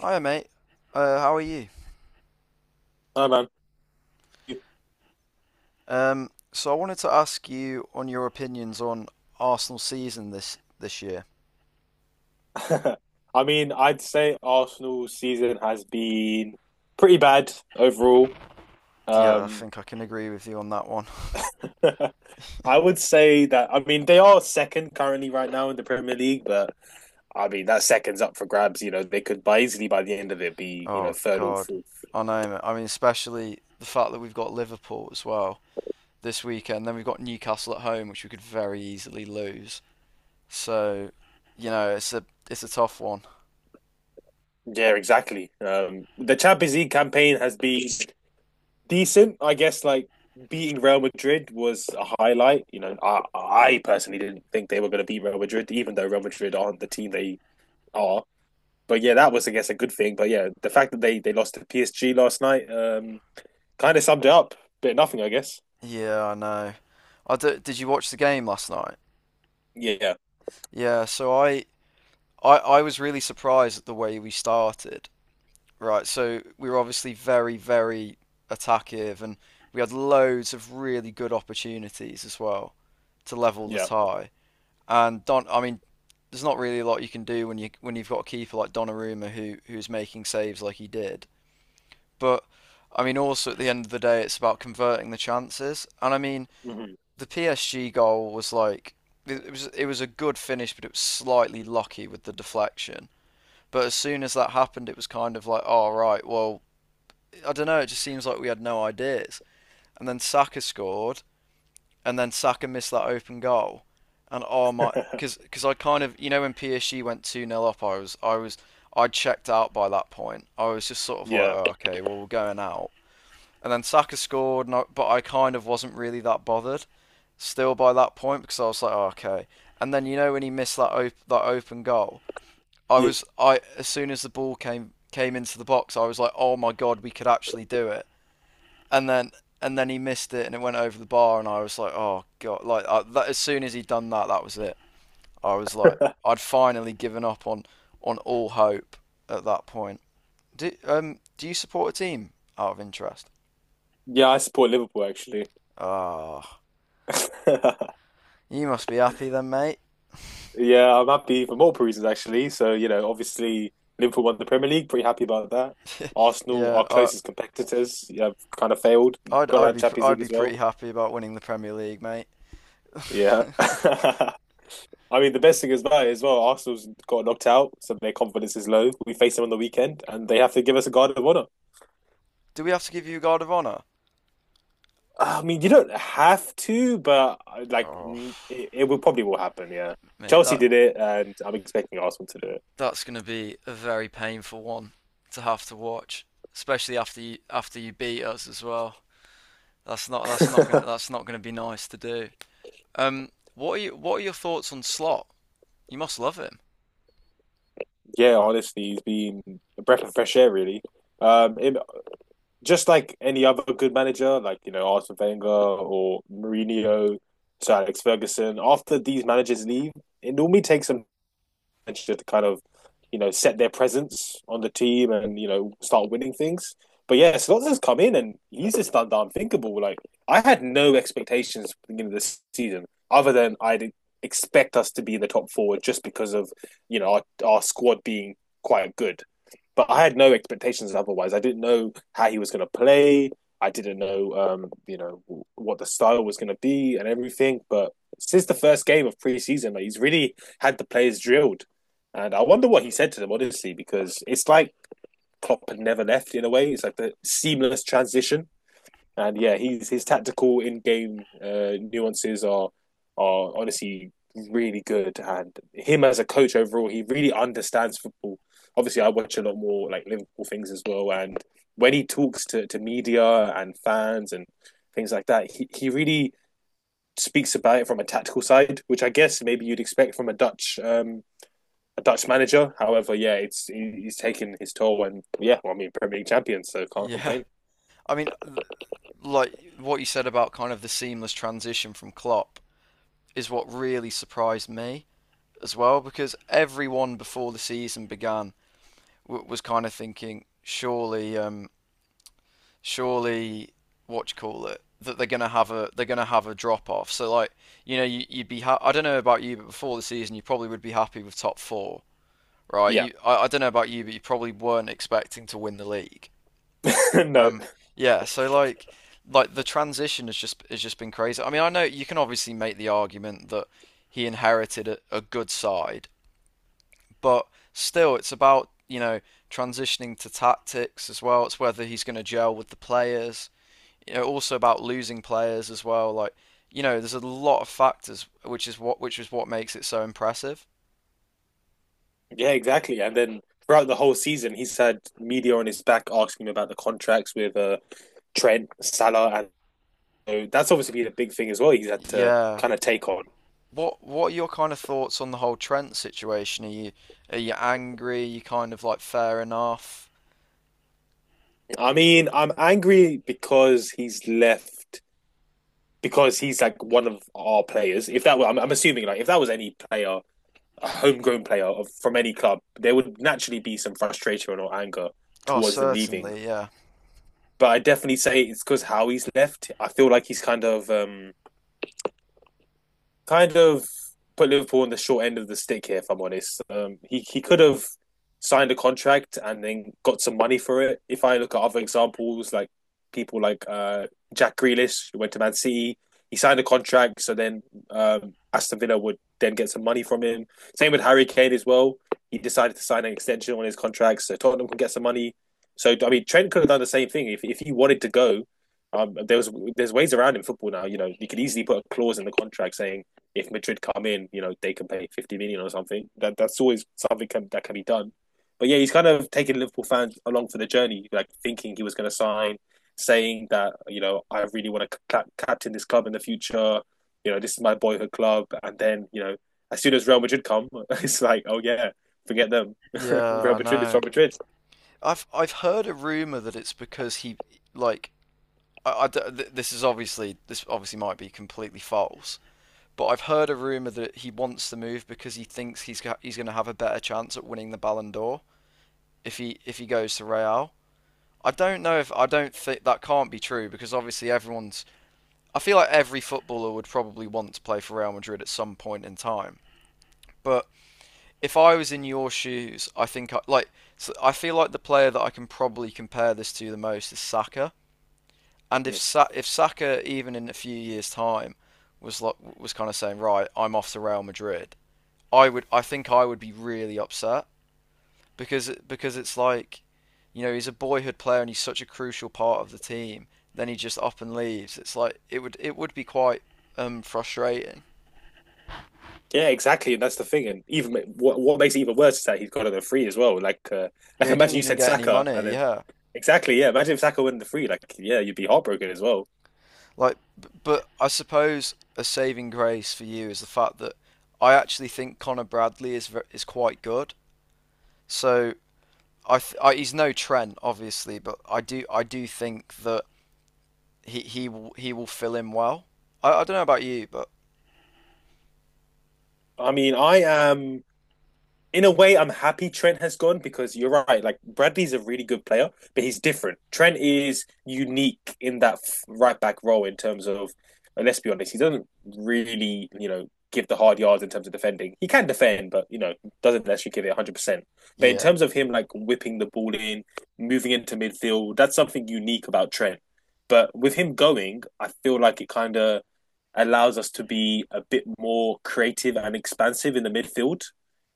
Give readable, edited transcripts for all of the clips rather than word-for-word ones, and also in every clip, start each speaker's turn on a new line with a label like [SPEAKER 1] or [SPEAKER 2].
[SPEAKER 1] Hi, mate. How are you?
[SPEAKER 2] No, man.
[SPEAKER 1] So I wanted to ask you on your opinions on Arsenal season this year.
[SPEAKER 2] I mean, I'd say Arsenal's season has been pretty bad overall.
[SPEAKER 1] Yeah, I
[SPEAKER 2] Um,
[SPEAKER 1] think I can agree with you on that one.
[SPEAKER 2] I would say that, I mean, they are second currently right now in the Premier League, but I mean, that second's up for grabs. They could by easily by the end of it be,
[SPEAKER 1] Oh
[SPEAKER 2] third or
[SPEAKER 1] God,
[SPEAKER 2] fourth.
[SPEAKER 1] I know, mate. I mean, especially the fact that we've got Liverpool as well this weekend. Then we've got Newcastle at home, which we could very easily lose. So, it's a it's a tough one.
[SPEAKER 2] Yeah, exactly. The Champions League campaign has been decent, I guess. Like beating Real Madrid was a highlight. You know, I personally didn't think they were going to beat Real Madrid, even though Real Madrid aren't the team they are. But yeah, that was I guess a good thing. But yeah, the fact that they lost to PSG last night kind of summed it up. Bit of nothing, I guess.
[SPEAKER 1] Yeah, I know. I d Did you watch the game last night?
[SPEAKER 2] Yeah,
[SPEAKER 1] Yeah, so I, I was really surprised at the way we started. Right, so we were obviously very, very attackive, and we had loads of really good opportunities as well to level the
[SPEAKER 2] yeah,
[SPEAKER 1] tie. I mean, there's not really a lot you can do when you've got a keeper like Donnarumma who's making saves like he did. But I mean, also at the end of the day, it's about converting the chances. And I mean,
[SPEAKER 2] hmm
[SPEAKER 1] the PSG goal was like it was a good finish, but it was slightly lucky with the deflection. But as soon as that happened, it was kind of like, oh right, well I don't know. It just seems like we had no ideas. And then Saka scored, and then Saka missed that open goal, and oh my, because I kind of, you know, when PSG went two nil up, I was, I checked out by that point. I was just sort of like,
[SPEAKER 2] yeah,
[SPEAKER 1] oh, okay, well we're going out. And then Saka scored, and I, But I kind of wasn't really that bothered still by that point because I was like, oh, okay. And then you know when he missed that open goal, I
[SPEAKER 2] yeah,
[SPEAKER 1] was I as soon as the ball came into the box, I was like, oh my god, we could actually do it. And then he missed it and it went over the bar and I was like, oh god! As soon as he'd done that, that was it. I was like, I'd finally given up on all hope at that point. Do you support a team out of interest?
[SPEAKER 2] yeah. I support Liverpool actually.
[SPEAKER 1] Ah, oh, you must be happy then, mate.
[SPEAKER 2] Yeah, I'm happy for multiple reasons actually. So, you know, obviously Liverpool won the Premier League, pretty happy about that. Arsenal,
[SPEAKER 1] Yeah,
[SPEAKER 2] our
[SPEAKER 1] I
[SPEAKER 2] closest competitors, yeah, have kind of failed.
[SPEAKER 1] I'd
[SPEAKER 2] Got
[SPEAKER 1] I'd
[SPEAKER 2] out
[SPEAKER 1] be
[SPEAKER 2] Champions
[SPEAKER 1] I'd
[SPEAKER 2] League
[SPEAKER 1] be
[SPEAKER 2] as well.
[SPEAKER 1] pretty happy about winning the Premier League, mate.
[SPEAKER 2] Yeah. I mean, the best thing is that as well, Arsenal's got knocked out, so their confidence is low. We face them on the weekend, and they have to give us a guard of honor.
[SPEAKER 1] Do we have to give you a guard of honour?
[SPEAKER 2] I mean, you don't have to, but like,
[SPEAKER 1] Oh,
[SPEAKER 2] it will probably will happen. Yeah,
[SPEAKER 1] mate,
[SPEAKER 2] Chelsea did it, and I'm expecting Arsenal to do
[SPEAKER 1] that's going to be a very painful one to have to watch, especially after you beat us as well.
[SPEAKER 2] it.
[SPEAKER 1] That's not gonna be nice to do. What are you what are your thoughts on Slot? You must love him.
[SPEAKER 2] Yeah, honestly, he's been a breath of fresh air, really. Um, in, just like any other good manager, like you know Arsene Wenger or Mourinho, Sir Alex Ferguson. After these managers leave, it normally takes them to kind of you know set their presence on the team and you know start winning things. But yeah, Slotter's come in and he's just done the unthinkable. Like I had no expectations at the beginning of this season, other than I did expect us to be in the top four just because of you know our squad being quite good but I had no expectations otherwise. I didn't know how he was going to play. I didn't know, you know, what the style was going to be and everything. But since the first game of preseason, like, he's really had the players drilled. And I wonder what he said to them, honestly, because it's like Klopp had never left in a way. It's like the seamless transition and yeah, he's his tactical in game nuances are honestly really good. And him as a coach overall, he really understands football. Obviously, I watch a lot more like Liverpool things as well. And when he talks to media and fans and things like that, he really speaks about it from a tactical side, which I guess maybe you'd expect from a Dutch manager. However, yeah, it's he's taken his toll, and yeah, well, I mean Premier League champions, so can't
[SPEAKER 1] Yeah,
[SPEAKER 2] complain.
[SPEAKER 1] I mean, like what you said about kind of the seamless transition from Klopp is what really surprised me as well because everyone before the season began was kind of thinking surely, surely what you call it, that they're gonna have a drop off. So like, you know, you'd be I don't know about you, but before the season you probably would be happy with top four, right?
[SPEAKER 2] Yeah,
[SPEAKER 1] I don't know about you, but you probably weren't expecting to win the league.
[SPEAKER 2] no,
[SPEAKER 1] Um, yeah. So like the transition has just been crazy. I mean, I know you can obviously make the argument that he inherited a good side, but still it's about, you know, transitioning to tactics as well. It's whether he's going to gel with the players, you know, also about losing players as well. Like, you know, there's a lot of factors, which is what makes it so impressive.
[SPEAKER 2] yeah, exactly. And then throughout the whole season, he's had media on his back asking him about the contracts with Trent, Salah, and so that's obviously been a big thing as well. He's had to
[SPEAKER 1] Yeah.
[SPEAKER 2] kind of take on.
[SPEAKER 1] What are your kind of thoughts on the whole Trent situation? Are you angry? Are you kind of like fair enough?
[SPEAKER 2] I mean, I'm angry because he's left because he's like one of our players. If that were, I'm assuming like if that was any player a homegrown player from any club, there would naturally be some frustration or anger
[SPEAKER 1] Oh,
[SPEAKER 2] towards them leaving.
[SPEAKER 1] certainly, yeah.
[SPEAKER 2] But I definitely say it's because how he's left. I feel like he's kind of kind of put Liverpool on the short end of the stick here, if I'm honest. He could have signed a contract and then got some money for it. If I look at other examples, like people like Jack Grealish, who went to Man City, he signed a contract, so then Aston Villa would then get some money from him. Same with Harry Kane as well. He decided to sign an extension on his contract, so Tottenham can get some money. So I mean, Trent could have done the same thing if he wanted to go. There's ways around in football now. You know, you could easily put a clause in the contract saying if Madrid come in, you know, they can pay 50 million or something. That's always something can, that can be done. But yeah, he's kind of taking Liverpool fans along for the journey, like thinking he was going to sign, saying that you know I really want to captain this club in the future. You know, this is my boyhood club, and then you know, as soon as Real Madrid come, it's like, oh yeah, forget them.
[SPEAKER 1] Yeah,
[SPEAKER 2] Real
[SPEAKER 1] I
[SPEAKER 2] Madrid is
[SPEAKER 1] know.
[SPEAKER 2] Real Madrid.
[SPEAKER 1] I've heard a rumor that it's because he, like, this is obviously, this obviously might be completely false, but I've heard a rumor that he wants the move because he thinks he's going to have a better chance at winning the Ballon d'Or if he goes to Real. I don't think that can't be true because obviously everyone's. I feel like every footballer would probably want to play for Real Madrid at some point in time. But if I was in your shoes, I think I, like so I feel like the player that I can probably compare this to the most is Saka. And
[SPEAKER 2] Mm.
[SPEAKER 1] If Saka, even in a few years time, was like, was kind of saying, right, I'm off to Real Madrid, I think I would be really upset because it's like, you know, he's a boyhood player and he's such a crucial part of the team. Then he just up and leaves. It's like it would, be quite frustrating.
[SPEAKER 2] Yeah, exactly, and that's the thing. And even what makes it even worse is that he's got it on the free as well.
[SPEAKER 1] Yeah,
[SPEAKER 2] Like
[SPEAKER 1] he didn't
[SPEAKER 2] imagine you
[SPEAKER 1] even
[SPEAKER 2] said
[SPEAKER 1] get any
[SPEAKER 2] Saka,
[SPEAKER 1] money.
[SPEAKER 2] and then
[SPEAKER 1] Yeah,
[SPEAKER 2] exactly, yeah. Imagine if Saka won the free, like, yeah, you'd be heartbroken as well.
[SPEAKER 1] like, but I suppose a saving grace for you is the fact that I actually think Connor Bradley is quite good. So I, th- I he's no Trent obviously, but I do think that he will fill in well. I don't know about you, but
[SPEAKER 2] I mean, I am. In a way, I'm happy Trent has gone because you're right. Like Bradley's a really good player, but he's different. Trent is unique in that right back role in terms of, let's be honest, he doesn't really, you know, give the hard yards in terms of defending. He can defend, but you know, doesn't actually give it 100% percent. But in
[SPEAKER 1] yeah.
[SPEAKER 2] terms of him like whipping the ball in, moving into midfield, that's something unique about Trent. But with him going, I feel like it kind of allows us to be a bit more creative and expansive in the midfield.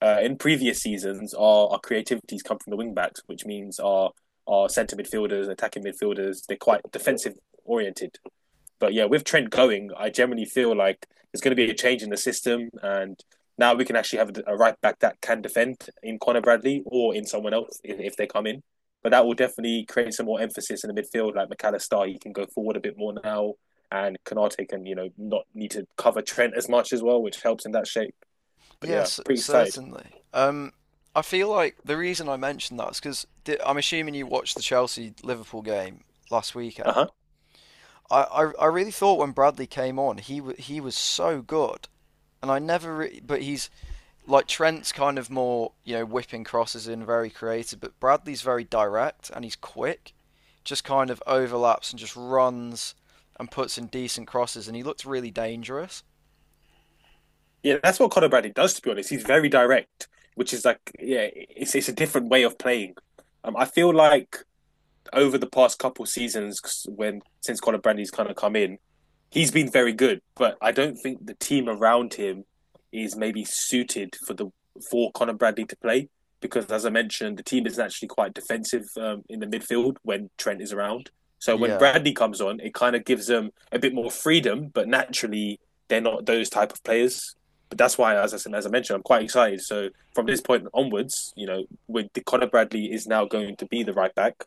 [SPEAKER 2] In previous seasons, our creativities come from the wing backs, which means our centre midfielders, attacking midfielders, they're quite defensive oriented. But yeah, with Trent going, I generally feel like there's going to be a change in the system, and now we can actually have a right back that can defend in Connor Bradley or in someone else if they come in. But that will
[SPEAKER 1] Y-
[SPEAKER 2] definitely create some more emphasis in the midfield. Like McAllister, he can go forward a bit more now, and Kanate can you know not need to cover Trent as much as well, which helps in that shape. But
[SPEAKER 1] Yeah,
[SPEAKER 2] yeah,
[SPEAKER 1] c
[SPEAKER 2] pretty excited.
[SPEAKER 1] certainly. I feel like the reason I mentioned that is because I'm assuming you watched the Chelsea Liverpool game last
[SPEAKER 2] Uh
[SPEAKER 1] weekend.
[SPEAKER 2] huh.
[SPEAKER 1] I really thought when Bradley came on, he was so good, and I never re but he's like, Trent's kind of more, you know, whipping crosses in, very creative, but Bradley's very direct and he's quick, just kind of overlaps and just runs and puts in decent crosses, and he looked really dangerous.
[SPEAKER 2] Yeah, that's what Connor Bradley does. To be honest, he's very direct, which is like yeah, it's a different way of playing. I feel like over the past couple seasons, when since Colin Brandy's kind of come in, he's been very good. But I don't think the team around him is maybe suited for the for Colin Brandy to play because, as I mentioned, the team is actually quite defensive in the midfield when Trent is around. So when
[SPEAKER 1] Yeah.
[SPEAKER 2] Brandy comes on, it kind of gives them a bit more freedom. But naturally, they're not those type of players. But that's why, as I said, as I mentioned, I'm quite excited. So from this point onwards, you know, with the Conor Bradley is now going to be the right back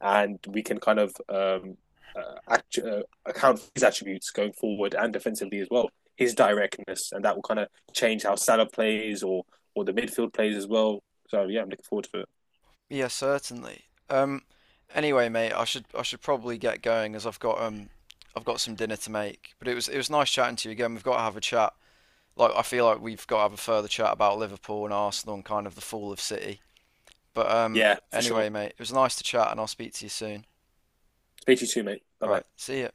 [SPEAKER 2] and we can kind of account for his attributes going forward and defensively as well. His directness, and that will kind of change how Salah plays or the midfield plays as well. So yeah, I'm looking forward to it.
[SPEAKER 1] Yeah, certainly. Um, anyway, mate, I should probably get going as I've got some dinner to make. But it was nice chatting to you again. We've got to have a chat. Like I feel like we've got to have a further chat about Liverpool and Arsenal and kind of the fall of City. But um,
[SPEAKER 2] Yeah, for sure.
[SPEAKER 1] anyway, mate, it was nice to chat, and I'll speak to you soon.
[SPEAKER 2] Speak to you too, mate. Bye
[SPEAKER 1] All
[SPEAKER 2] bye.
[SPEAKER 1] right, see ya.